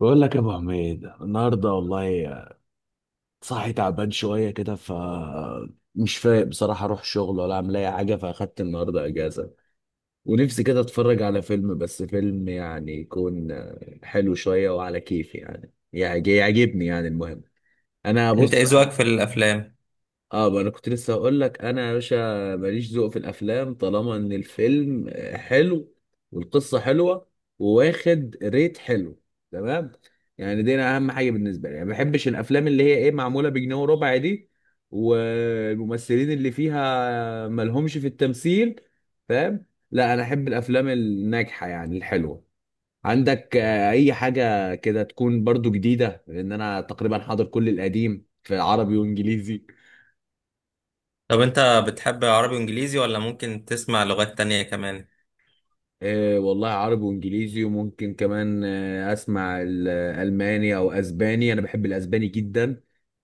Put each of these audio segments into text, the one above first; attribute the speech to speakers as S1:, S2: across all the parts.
S1: بقول لك يا ابو حميد النهارده، والله صاحي تعبان شويه كده، ف مش فايق بصراحه، اروح شغل ولا اعمل اي حاجه، فاخدت النهارده اجازه. ونفسي كده اتفرج على فيلم، بس فيلم يعني يكون حلو شويه وعلى كيفي، يعني يعجبني، يعني المهم انا
S2: انت
S1: بص.
S2: ايه ذوقك في الافلام؟
S1: اه، بقى انا كنت لسه هقول لك انا يا باشا، ماليش ذوق في الافلام طالما ان الفيلم حلو، والقصه حلوه، وواخد ريت حلو، تمام. يعني دي انا اهم حاجه بالنسبه لي، يعني ما بحبش الافلام اللي هي ايه معموله بجنيه وربع دي، والممثلين اللي فيها ملهمش في التمثيل، فاهم؟ لا، انا احب الافلام الناجحه، يعني الحلوه. عندك اي حاجه كده تكون برضو جديده، لان انا تقريبا حاضر كل القديم في عربي وانجليزي.
S2: طب انت بتحب عربي وانجليزي، ولا ممكن تسمع لغات تانية كمان؟
S1: إيه والله، عربي وانجليزي، وممكن كمان اسمع الالماني او اسباني، انا بحب الاسباني جدا.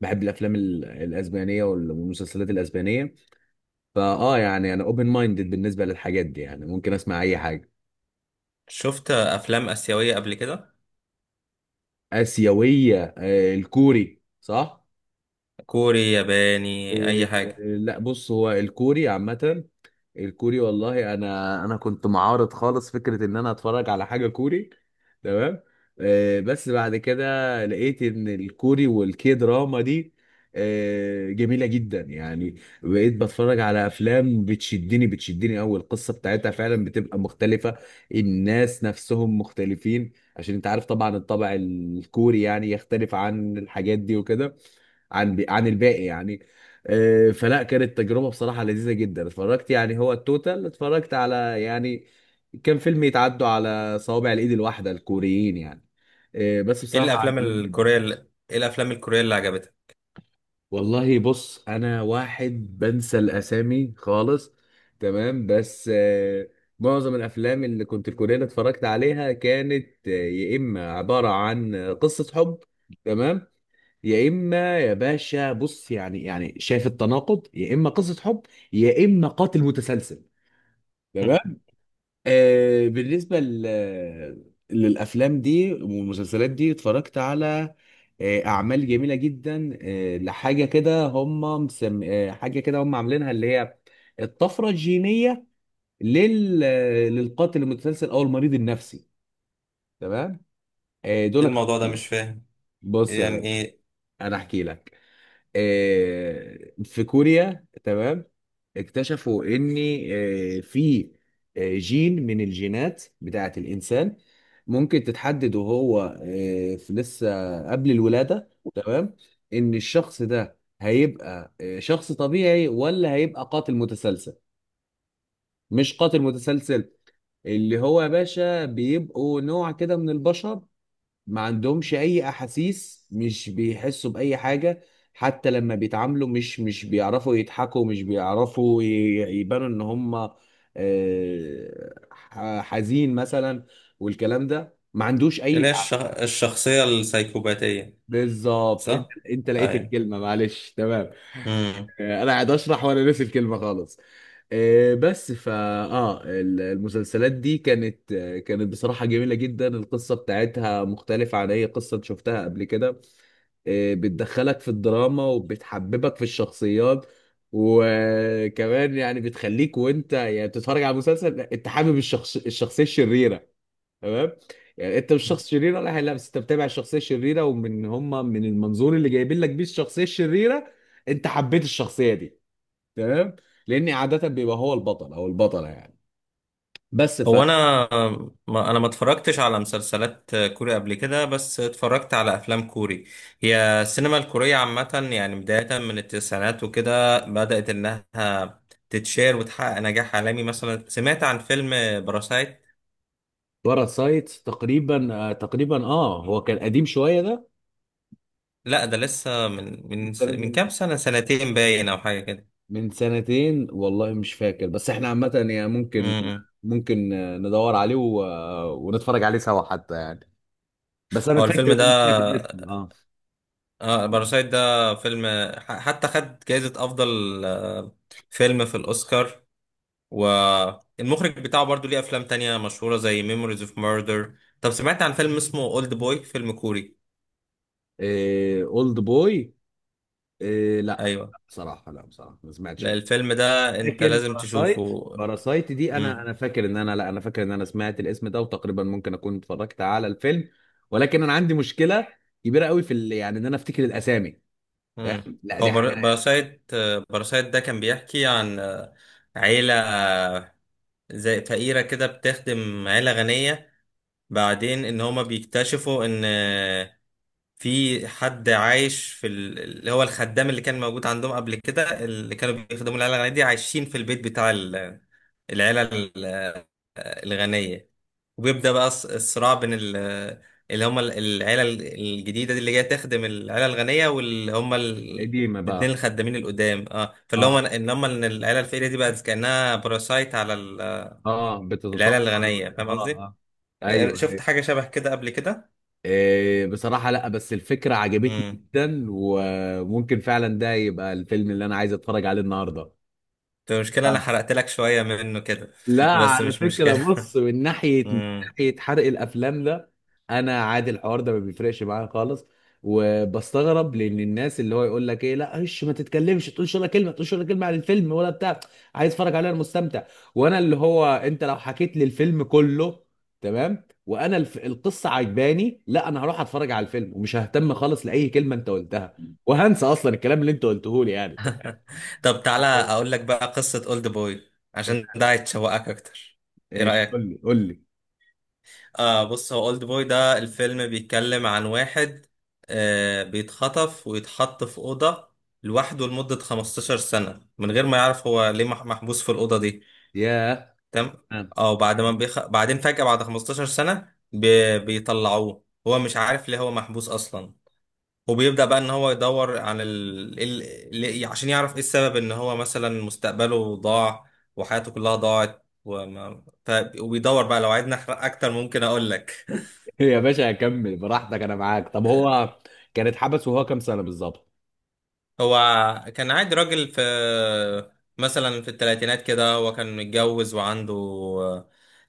S1: بحب الافلام الاسبانيه والمسلسلات الاسبانيه. يعني انا اوبن مايندد بالنسبه للحاجات دي، يعني ممكن اسمع اي حاجه.
S2: شفت افلام اسيوية قبل كده؟
S1: اسيويه؟ الكوري، صح.
S2: كوري، ياباني، اي
S1: إيه.
S2: حاجة.
S1: لا بص، هو الكوري عامه، الكوري والله، انا كنت معارض خالص فكره ان انا اتفرج على حاجه كوري، تمام. بس بعد كده لقيت ان الكوري والكي دراما دي جميله جدا يعني. بقيت بتفرج على افلام بتشدني، بتشدني قوي، القصه بتاعتها فعلا بتبقى مختلفه، الناس نفسهم مختلفين، عشان انت عارف طبعا الطبع الكوري يعني يختلف عن الحاجات دي وكده، عن الباقي يعني. فلا كانت تجربة بصراحة لذيذة جدا، اتفرجت يعني هو التوتال اتفرجت على، يعني كان فيلم يتعدوا على صوابع الايد الواحدة الكوريين يعني. بس بصراحة عجبني جدا.
S2: ايه الافلام الكورية اللي عجبتك؟
S1: والله بص، انا واحد بنسى الاسامي خالص، تمام، بس معظم الافلام اللي كنت الكورية اللي اتفرجت عليها كانت يا اما عبارة عن قصة حب، تمام. يا اما يا باشا، بص يعني شايف التناقض؟ يا اما قصه حب، يا اما قاتل متسلسل،
S2: ايه
S1: تمام. بالنسبه للافلام دي والمسلسلات دي، اتفرجت على اعمال جميله جدا، لحاجه كده هم مسم... آه حاجه كده هم عاملينها، اللي هي الطفره الجينيه لل... آه، للقاتل المتسلسل او المريض النفسي، تمام. دول.
S2: الموضوع ده مش فاهم،
S1: بص يا
S2: يعني
S1: باشا،
S2: ايه؟
S1: انا احكي لك. في كوريا، تمام، اكتشفوا ان آه، في آه، جين من الجينات بتاعة الانسان ممكن تتحدد وهو في لسه قبل الولادة، تمام، ان الشخص ده هيبقى شخص طبيعي ولا هيبقى قاتل متسلسل، مش قاتل متسلسل اللي هو يا باشا، بيبقوا نوع كده من البشر، ما عندهمش اي احاسيس، مش بيحسوا باي حاجه، حتى لما بيتعاملوا مش بيعرفوا يضحكوا، مش بيعرفوا يبانوا ان هم حزين مثلا، والكلام ده ما عندوش اي
S2: اللي هي
S1: تعب.
S2: الشخصية السايكوباتية.
S1: بالظبط، انت
S2: صح.
S1: انت لقيت الكلمه، معلش، تمام.
S2: ايوه.
S1: انا قاعد اشرح وانا ناسي الكلمه خالص. بس. المسلسلات دي كانت كانت بصراحه جميله جدا، القصه بتاعتها مختلفه عن اي قصه شفتها قبل كده، بتدخلك في الدراما وبتحببك في الشخصيات، وكمان يعني بتخليك وانت يعني بتتفرج على المسلسل انت حابب الشخصية الشريرة، تمام. يعني انت مش شخص شرير ولا حاجه، لا، بس انت بتابع الشخصية الشريرة ومن هم من المنظور اللي جايبين لك بيه الشخصية الشريرة، انت حبيت الشخصية دي، تمام، لان عادة بيبقى هو البطل او البطلة، يعني بس
S2: هو انا، ما اتفرجتش على مسلسلات كوري قبل كده، بس اتفرجت على افلام كوري. هي السينما الكورية عامة، يعني بداية من التسعينات وكده بدأت انها تتشير وتحقق نجاح عالمي. مثلا سمعت عن فيلم باراسايت.
S1: باراسايت تقريبا، هو كان قديم شوية.
S2: لا، ده لسه من كام
S1: ده
S2: سنة، سنتين باين، او حاجة كده.
S1: من سنتين والله، مش فاكر، بس احنا عامة يعني ممكن
S2: امم.
S1: ممكن ندور عليه ونتفرج عليه سوا حتى يعني. بس انا
S2: هو
S1: فاكر
S2: الفيلم
S1: ان
S2: ده،
S1: انا سمعت الاسم، اه.
S2: اه، باراسايت ده فيلم حتى خد جائزة افضل فيلم في الاوسكار. والمخرج بتاعه برضو ليه افلام تانية مشهورة، زي ميموريز اوف ميردر. طب سمعت عن فيلم اسمه اولد بوي؟ فيلم كوري.
S1: إيه، اولد بوي. إيه، لا،
S2: ايوه.
S1: بصراحة لا، بصراحة ما سمعتش.
S2: لا، الفيلم ده انت
S1: لكن
S2: لازم
S1: باراسايت،
S2: تشوفه.
S1: باراسايت دي انا
S2: مم.
S1: انا فاكر ان انا لا انا فاكر ان انا سمعت الاسم ده، وتقريبا ممكن اكون اتفرجت على الفيلم، ولكن انا عندي مشكلة كبيرة قوي في يعني ان انا افتكر الاسامي،
S2: مم.
S1: فاهم؟ لا،
S2: هو
S1: دي حاجة
S2: باراسايت ده كان بيحكي عن عيلة، زي فقيرة كده، بتخدم عيلة غنية. بعدين ان هما بيكتشفوا ان في حد عايش في اللي هو الخدام اللي كان موجود عندهم قبل كده، اللي كانوا بيخدموا العيله الغنيه دي، عايشين في البيت بتاع العيله ال- الغنيه. وبيبدا بقى الصراع بين العيله الجديده دي اللي جايه تخدم العيله الغنيه، واللي هم
S1: قديمة
S2: الاتنين
S1: بقى.
S2: الخدامين القدام. اه، فاللي هم
S1: اه،
S2: ان هم ان العيله الفقيره دي بقت كانها باراسايت على
S1: اه،
S2: العيله
S1: بتتطفل
S2: الغنيه. فاهم
S1: اه.
S2: قصدي؟
S1: اه، ايوه،
S2: شفت
S1: ايوه.
S2: حاجه شبه كده قبل كده؟
S1: إيه بصراحة لا، بس الفكرة عجبتني جدا، وممكن فعلا ده يبقى الفيلم اللي انا عايز اتفرج عليه النهارده.
S2: المشكلة أنا حرقت لك شوية منه كده.
S1: لا،
S2: بس
S1: على
S2: مش
S1: فكرة
S2: مشكلة.
S1: بص، من
S2: مم.
S1: ناحية حرق الأفلام ده، أنا عادي، الحوار ده ما بيفرقش معايا خالص، وبستغرب، لأن الناس اللي هو يقول لك إيه، لا إيش، ما تتكلمش، تقولش ولا كلمة، تقولش ولا كلمة عن الفيلم ولا بتاع. عايز أتفرج عليه، أنا مستمتع. وأنا اللي هو، أنت لو حكيت لي الفيلم كله، تمام، وأنا القصة عجباني، لا، أنا هروح أتفرج على الفيلم ومش ههتم خالص لأي كلمة أنت قلتها، وهنسى أصلا الكلام اللي أنت قلته لي، يعني أنت فاهم؟
S2: طب تعالى أقول لك بقى قصة أولد بوي، عشان ده هيتشوقك أكتر. إيه
S1: إيش، قول
S2: رأيك؟
S1: لي، قول لي.
S2: آه، بص، هو أولد بوي ده الفيلم بيتكلم عن واحد آه بيتخطف ويتحط في أوضة لوحده لمدة 15 سنة، من غير ما يعرف هو ليه محبوس في الأوضة دي.
S1: ياه.
S2: تمام؟ أو بعد ما بعدين فجأة بعد 15 سنة بيطلعوه. هو مش عارف ليه هو محبوس أصلا. وبيبدأ بقى ان هو يدور عن عشان يعرف ايه السبب، ان هو مثلا مستقبله ضاع وحياته كلها ضاعت وبيدور بقى. لو عايزني احرق اكتر ممكن اقول لك.
S1: يا باشا هكمل براحتك، انا معاك. طب هو كان اتحبس وهو كام سنة بالظبط؟
S2: هو كان عادي راجل في، مثلا في الثلاثينات كده، هو كان متجوز وعنده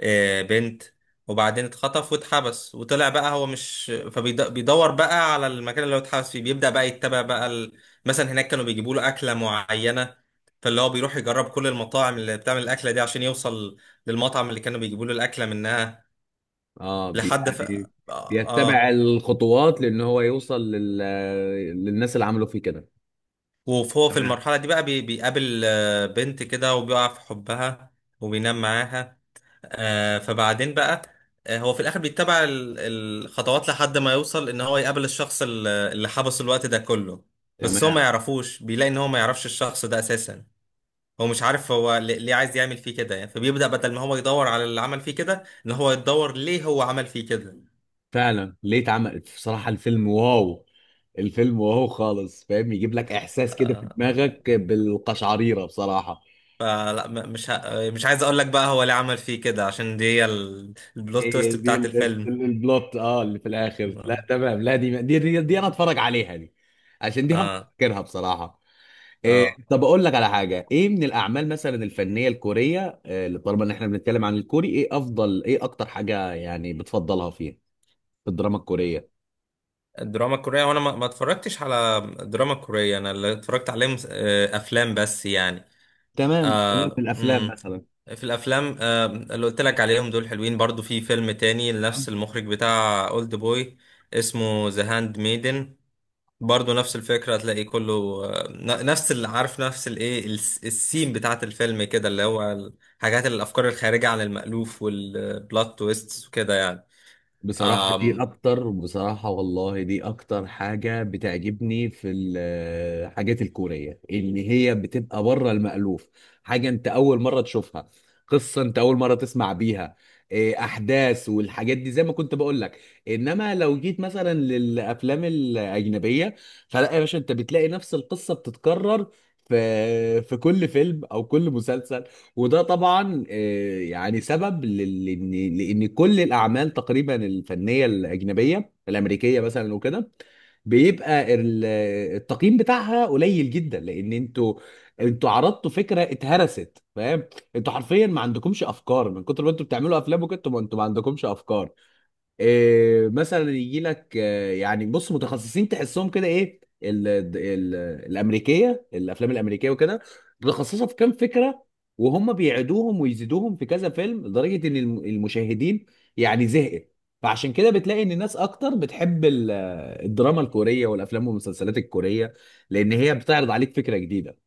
S2: بنت. وبعدين اتخطف واتحبس وطلع بقى. هو مش، فبيدور بقى على المكان اللي هو اتحبس فيه. بيبدأ بقى يتبع بقى مثلا هناك كانوا بيجيبوا له أكلة معينة، فاللي هو بيروح يجرب كل المطاعم اللي بتعمل الأكلة دي عشان يوصل للمطعم اللي كانوا بيجيبوا له الأكلة منها
S1: اه، يعني
S2: آه. آه.
S1: بيتبع الخطوات لان هو يوصل للناس اللي عملوا فيه كده.
S2: وهو في
S1: تمام،
S2: المرحلة دي بقى بيقابل بنت كده وبيقع في حبها وبينام معاها. فبعدين بقى، هو في الآخر بيتبع الخطوات لحد ما يوصل، إن هو يقابل الشخص اللي حبسه الوقت ده كله. بس هو ما
S1: تمام.
S2: يعرفوش، بيلاقي إن هو ما يعرفش الشخص ده أساسا. هو مش عارف هو ليه عايز يعمل فيه كده يعني. فبيبدأ، بدل ما هو يدور على اللي عمل فيه كده، إن هو يدور ليه هو عمل فيه كده.
S1: فعلا، ليه اتعمل؟ بصراحة الفيلم واو، الفيلم واو خالص، فاهم؟ يجيب لك احساس كده في
S2: آه،
S1: دماغك بالقشعريرة بصراحة.
S2: فلا مش عايز أقول لك بقى هو ليه عمل فيه كده، عشان دي هي البلوت
S1: إيه
S2: تويست
S1: دي
S2: بتاعت الفيلم.
S1: البلوت، اللي في الاخر،
S2: اه.
S1: لا تمام، لا دي انا اتفرج عليها دي، عشان دي
S2: اه.
S1: هفكرها بصراحة. إيه،
S2: آه.
S1: طب اقول لك على حاجه، ايه من الاعمال مثلا الفنيه الكوريه، اللي طالما ان احنا بنتكلم عن الكوري، ايه اكتر حاجه يعني بتفضلها فيها في الدراما الكوريه؟
S2: الدراما الكورية، وانا ما اتفرجتش على الدراما الكورية. انا اللي اتفرجت عليه آه، افلام بس يعني.
S1: تمام، تمام. في
S2: آه.
S1: الافلام
S2: مم.
S1: مثلا.
S2: في الافلام، آه، اللي قلت لك عليهم دول حلوين. برضو في فيلم تاني لنفس المخرج بتاع اولد بوي، اسمه ذا هاند ميدن. برضو نفس الفكرة هتلاقي كله، نفس اللي عارف، نفس الايه السين بتاعت الفيلم كده، اللي هو الحاجات، الافكار الخارجة عن المألوف والبلوت تويستس وكده يعني.
S1: بصراحة والله دي أكتر حاجة بتعجبني في الحاجات الكورية اللي هي بتبقى بره المألوف، حاجة أنت أول مرة تشوفها، قصة أنت أول مرة تسمع بيها، إيه، أحداث والحاجات دي زي ما كنت بقول لك. إنما لو جيت مثلا للأفلام الأجنبية، فلا يا باشا، أنت بتلاقي نفس القصة بتتكرر في كل فيلم أو كل مسلسل، وده طبعا يعني سبب لان كل الاعمال تقريبا الفنيه الاجنبيه الامريكيه مثلا وكده، بيبقى التقييم بتاعها قليل جدا، لان انتوا عرضتوا فكره اتهرست، فاهم، انتوا حرفيا ما عندكمش افكار من كتر ما انتوا بتعملوا افلام وكده، انتوا ما عندكمش افكار. إيه مثلا يجي لك يعني بص، متخصصين تحسهم كده ايه ال ال الامريكيه الافلام الامريكيه وكده، متخصصه في كام فكره، وهم بيعيدوهم ويزيدوهم في كذا فيلم، لدرجه ان المشاهدين يعني زهقت، فعشان كده بتلاقي ان الناس اكتر بتحب الدراما الكوريه والافلام والمسلسلات الكوريه، لان هي بتعرض عليك فكره جديده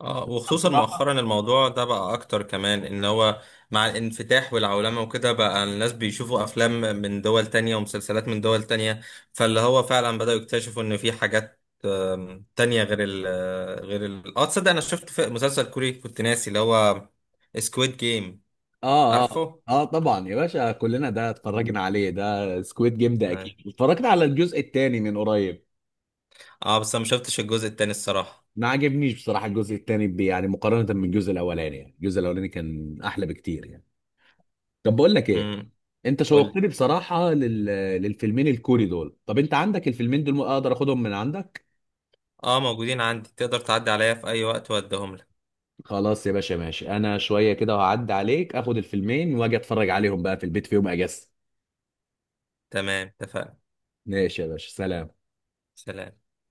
S2: اه، وخصوصا
S1: بصراحه.
S2: مؤخرا الموضوع ده بقى اكتر كمان. ان هو مع الانفتاح والعولمة وكده، بقى الناس بيشوفوا افلام من دول تانية ومسلسلات من دول تانية. فاللي هو فعلا بدأوا يكتشفوا ان في حاجات تانية غير ال غير ال اه تصدق انا شفت في مسلسل كوري، كنت ناسي اللي هو سكويد جيم.
S1: اه، اه،
S2: عارفه؟
S1: اه، طبعا يا باشا، كلنا ده
S2: مم.
S1: اتفرجنا عليه، ده سكويد جيم ده،
S2: أيوة.
S1: اكيد اتفرجت على الجزء الثاني من قريب.
S2: اه بس انا ما شفتش الجزء التاني الصراحة.
S1: ما عجبنيش بصراحة الجزء الثاني يعني مقارنة بالجزء الأولاني، يعني الجزء الأولاني كان أحلى بكتير، يعني. طب بقول لك إيه،
S2: امم.
S1: أنت
S2: قولي.
S1: شوقتني بصراحة للفيلمين الكوري دول، طب أنت عندك الفيلمين دول؟ أقدر أخدهم من عندك؟
S2: اه موجودين عندي، تقدر تعدي عليا في اي وقت واديهم لك.
S1: خلاص يا باشا، ماشي، أنا شوية كده هعدي عليك أخد الفيلمين وأجي أتفرج عليهم بقى في البيت في يوم أجازة.
S2: تمام، اتفقنا.
S1: ماشي يا باشا، سلام.
S2: سلام.